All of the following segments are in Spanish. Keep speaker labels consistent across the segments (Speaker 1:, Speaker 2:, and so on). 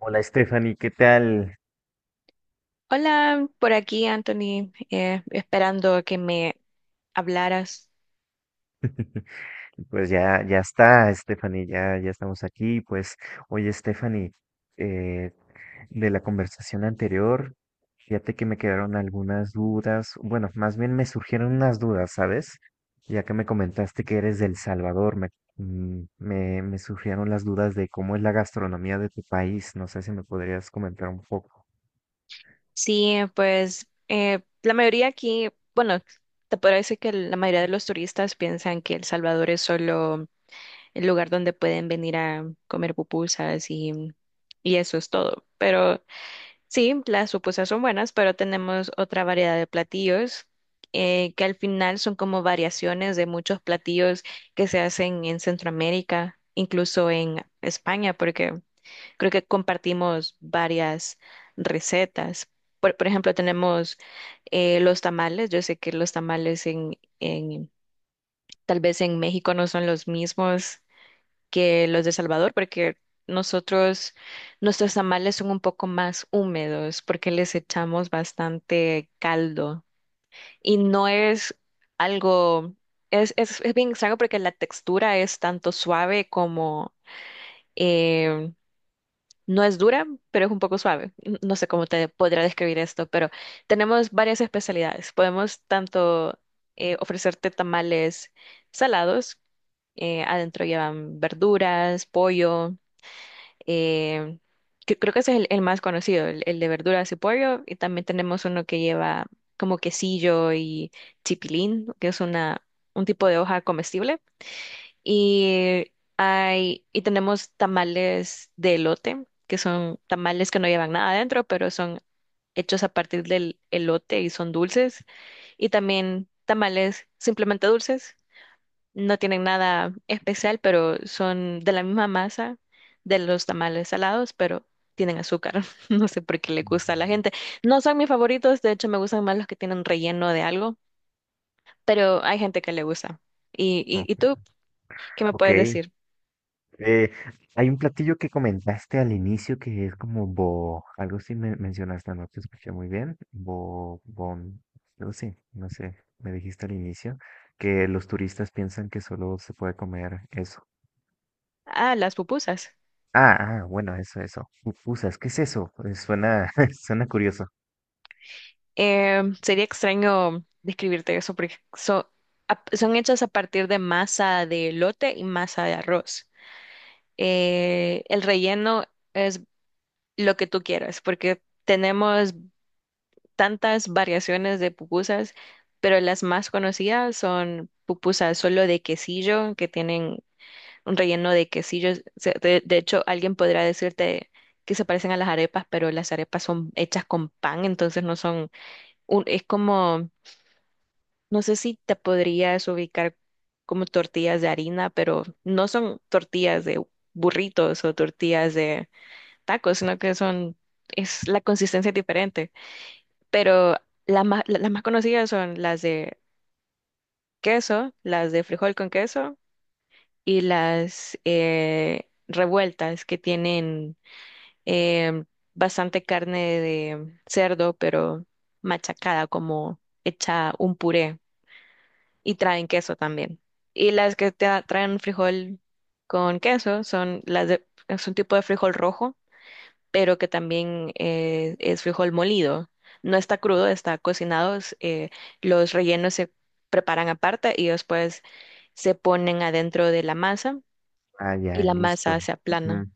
Speaker 1: Hola Stephanie, ¿qué tal?
Speaker 2: Hola, por aquí Anthony, esperando que me hablaras.
Speaker 1: Pues ya, ya está, Stephanie, ya, ya estamos aquí. Pues, oye Stephanie, eh, de la conversación anterior, fíjate que me quedaron algunas dudas. Bueno, más bien me surgieron unas dudas, ¿sabes? Ya que me comentaste que eres del Salvador, me surgieron las dudas de cómo es la gastronomía de tu país. No sé si me podrías comentar un poco.
Speaker 2: Sí, pues, la mayoría aquí, bueno, te podría decir que la mayoría de los turistas piensan que El Salvador es solo el lugar donde pueden venir a comer pupusas y eso es todo. Pero sí, las supusas son buenas, pero tenemos otra variedad de platillos, que al final son como variaciones de muchos platillos que se hacen en Centroamérica, incluso en España, porque creo que compartimos varias recetas. Por ejemplo, tenemos los tamales. Yo sé que los tamales tal vez en México no son los mismos que los de Salvador, porque nosotros, nuestros tamales son un poco más húmedos porque les echamos bastante caldo y no es algo, es bien extraño porque la textura es tanto suave como, eh, no es dura, pero es un poco suave. No sé cómo te podría describir esto, pero tenemos varias especialidades. Podemos tanto ofrecerte tamales salados, adentro llevan verduras, pollo. Eh, Creo que ese es el más conocido, el de verduras y pollo. Y también tenemos uno que lleva como quesillo y chipilín, que es una, un tipo de hoja comestible. Y tenemos tamales de elote, que son tamales que no llevan nada adentro, pero son hechos a partir del elote y son dulces. Y también tamales simplemente dulces no tienen nada especial, pero son de la misma masa de los tamales salados, pero tienen azúcar. No sé por qué le gusta a
Speaker 1: Ujú.
Speaker 2: la gente. No son mis favoritos, de hecho me gustan más los que tienen relleno de algo, pero hay gente que le gusta. ¿Y,
Speaker 1: Oh,
Speaker 2: y, y tú qué me
Speaker 1: ok.
Speaker 2: puedes decir?
Speaker 1: Eh, Hay un platillo que comentaste al inicio que es como algo sí me mencionaste, no te escuché muy bien, algo sí, no sé, me dijiste al inicio que los turistas piensan que solo se puede comer eso.
Speaker 2: Ah, las pupusas.
Speaker 1: Ah, ah, bueno, eso, eso. Pupusas, ¿qué es eso? Suena, suena curioso.
Speaker 2: Sería extraño describirte eso porque son hechas a partir de masa de elote y masa de arroz. El relleno es lo que tú quieras, porque tenemos tantas variaciones de pupusas, pero las más conocidas son pupusas solo de quesillo, que tienen un relleno de quesillo. De hecho, alguien podrá decirte que se parecen a las arepas, pero las arepas son hechas con pan, entonces no son un, es como, no sé si te podrías ubicar como tortillas de harina, pero no son tortillas de burritos o tortillas de tacos, sino que son, es la consistencia es diferente pero las más conocidas son las de queso, las de frijol con queso y las revueltas que tienen em, bastante carne de cerdo, pero machacada, como hecha un puré y traen queso también. Y las que traen frijol con queso son las de, es un tipo de frijol rojo pero que también es frijol molido. No está crudo, está cocinado. Es, los rellenos se preparan aparte y después se ponen adentro de la masa
Speaker 1: Ah, ya,
Speaker 2: y la
Speaker 1: listo.
Speaker 2: masa se aplana.
Speaker 1: Ujú.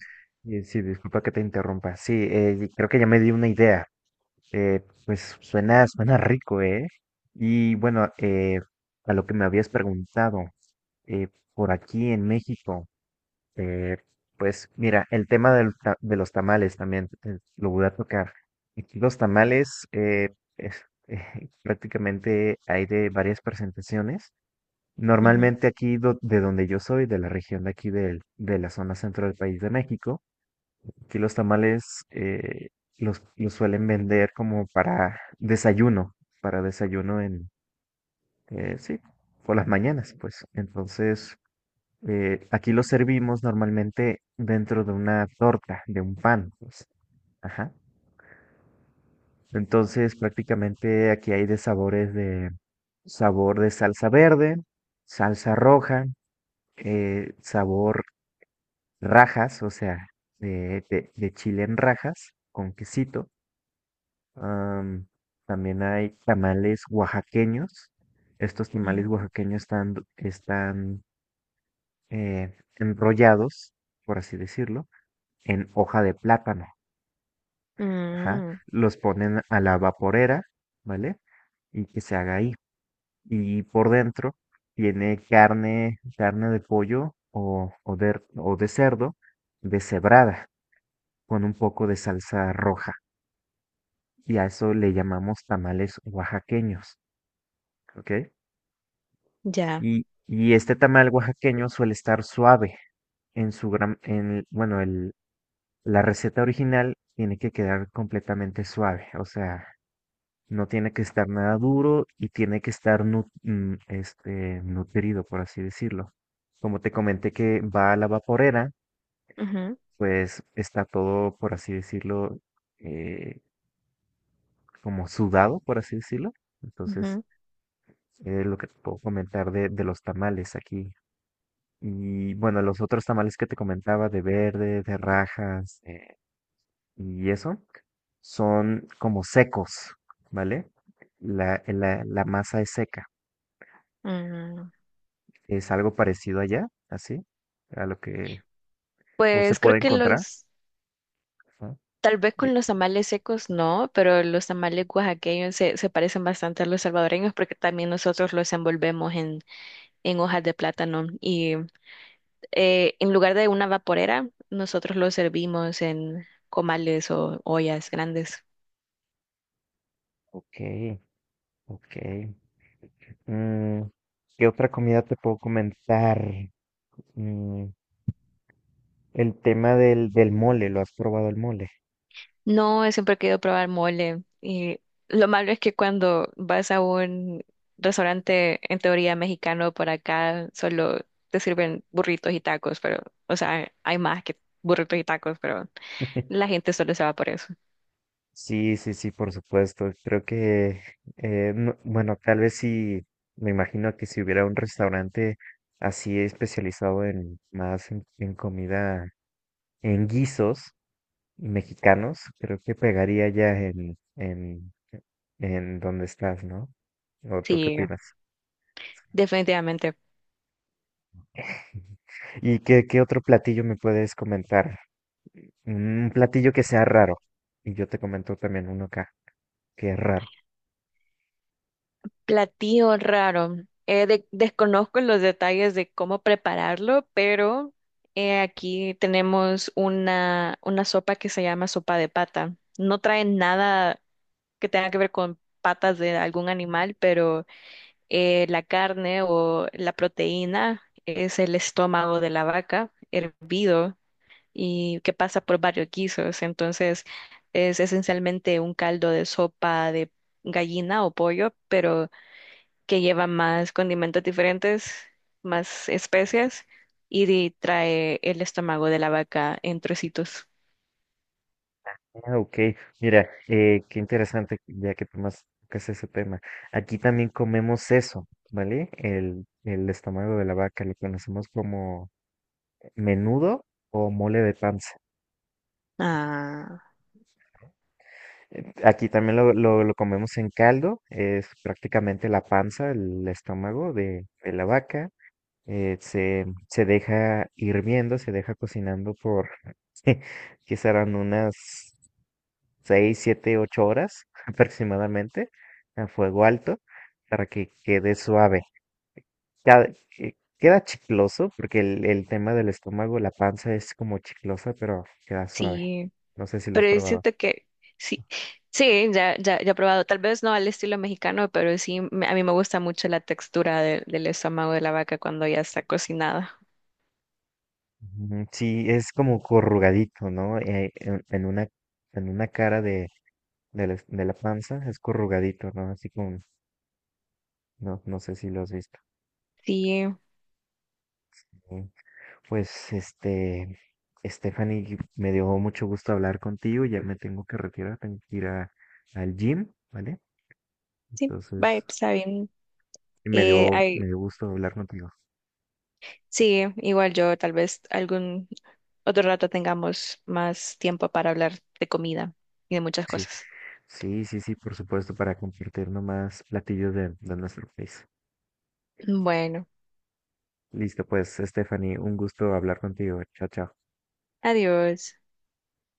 Speaker 1: Sí, disculpa que te interrumpa. Sí, creo que ya me di una idea. Pues suena, suena rico, ¿eh? Y bueno, a lo que me habías preguntado, eh, por aquí en México, eh, pues mira, el tema de los tamales también lo voy a tocar. Aquí los tamales, es- prácticamente hay de varias presentaciones.
Speaker 2: Ujú,
Speaker 1: Normalmente aquí de donde yo soy, de la región de aquí de la zona centro del país de México. Aquí los tamales los suelen vender como para desayuno, para desayuno, en, sí, por las mañanas, pues. Entonces, aquí los servimos normalmente dentro de una torta, de un pan, pues. Ajá. Entonces, prácticamente aquí hay de sabores de sabor de salsa verde, salsa roja, sabor rajas, o sea, de chile en rajas con quesito. Am, También hay tamales oaxaqueños. Estos tamales oaxaqueños están enrollados, por así decirlo, en hoja de plátano. Ajá.
Speaker 2: mm,
Speaker 1: Los ponen a la vaporera, ¿vale? Y que se haga ahí. Y por dentro tiene carne, carne de pollo o de cerdo deshebrada con un poco de salsa roja. Y a eso le llamamos tamales oaxaqueños, ¿ok?
Speaker 2: ya.
Speaker 1: Y este tamal oaxaqueño suele estar suave bueno, la receta original tiene que quedar completamente suave, o sea, no tiene que estar nada duro y tiene que estar este, nutrido, por así decirlo. Como te comenté que va a la vaporera,
Speaker 2: Ujú,
Speaker 1: pues está todo, por así decirlo, eh, como sudado, por así decirlo. Entonces,
Speaker 2: ujú,
Speaker 1: es lo que te puedo comentar de los tamales aquí. Y bueno, los otros tamales que te comentaba de verde, de rajas y eso, son como secos, ¿vale? La masa es seca.
Speaker 2: mm.
Speaker 1: Es algo parecido allá, así, a lo que o se
Speaker 2: Pues creo
Speaker 1: puede
Speaker 2: que
Speaker 1: encontrar.
Speaker 2: los,
Speaker 1: Ajá.
Speaker 2: tal vez
Speaker 1: Eh,
Speaker 2: con los tamales secos no, pero los tamales oaxaqueños se parecen bastante a los salvadoreños porque también nosotros los envolvemos en hojas de plátano y en lugar de una vaporera, nosotros lo servimos en comales o ollas grandes.
Speaker 1: Ok, ok. Mm, ¿Qué otra comida te puedo comentar? Mm, el tema del mole, ¿lo has probado el mole?
Speaker 2: No, siempre he querido probar mole. Y lo malo es que cuando vas a un restaurante, en teoría mexicano, por acá solo te sirven burritos y tacos, pero, o sea, hay más que burritos y tacos, pero la gente solo se va por eso.
Speaker 1: Sí, sí, sí, por supuesto. Creo que, bueno, tal vez sí, me imagino que si hubiera un restaurante así especializado en más en comida, en guisos mexicanos, creo que pegaría ya en donde estás, ¿no? ¿O tú qué
Speaker 2: Sí,
Speaker 1: opinas?
Speaker 2: definitivamente.
Speaker 1: ¿Y qué otro platillo me puedes comentar? Un platillo que sea raro. Y yo te comento también uno acá, que es raro.
Speaker 2: Platillo raro. Desconozco los detalles de cómo prepararlo, pero aquí tenemos una sopa que se llama sopa de pata. No trae nada que tenga que ver con patas de algún animal, pero la carne o la proteína es el estómago de la vaca hervido y que pasa por varios guisos. Entonces es esencialmente un caldo de sopa de gallina o pollo, pero que lleva más condimentos diferentes, más especias y trae el estómago de la vaca en trocitos.
Speaker 1: Ah, ok, mira, qué interesante ya que tomas tocas ese tema. Aquí también comemos eso, ¿vale? El estómago de la vaca, lo conocemos como menudo o mole de panza.
Speaker 2: Ah,
Speaker 1: Aquí también lo comemos en caldo, es prácticamente la panza, el estómago de la vaca. Se deja hirviendo, se deja cocinando por, que serán unas 6, 7, 8 horas aproximadamente a fuego alto para que quede suave. Ya, queda chicloso porque el tema del estómago, la panza es como chiclosa, pero queda suave.
Speaker 2: sí,
Speaker 1: No sé si lo has
Speaker 2: pero yo
Speaker 1: probado.
Speaker 2: siento que sí, sí, ya, ya, ya he probado, tal vez no al estilo mexicano, pero sí, a mí me gusta mucho la textura del estómago de la vaca cuando ya está cocinada.
Speaker 1: Ujú, sí, es como corrugadito, ¿no? En, una, en una cara de la panza es corrugadito, ¿no? Así como, no, no sé si lo has visto.
Speaker 2: Sí,
Speaker 1: Pues este, Stephanie, me dio mucho gusto hablar contigo. Ya me tengo que retirar, tengo que ir al gym, ¿vale?
Speaker 2: sí, vaya,
Speaker 1: Entonces,
Speaker 2: está bien.
Speaker 1: y me dio,
Speaker 2: Ay,
Speaker 1: me dio gusto hablar contigo.
Speaker 2: sí, igual yo tal vez algún otro rato tengamos más tiempo para hablar de comida y de muchas
Speaker 1: Sí,
Speaker 2: cosas.
Speaker 1: sí, sí, sí, por supuesto, para compartirnos más platillos de nuestro país.
Speaker 2: Bueno,
Speaker 1: Listo, pues, Stephanie, un gusto hablar contigo. Chao, chao.
Speaker 2: adiós.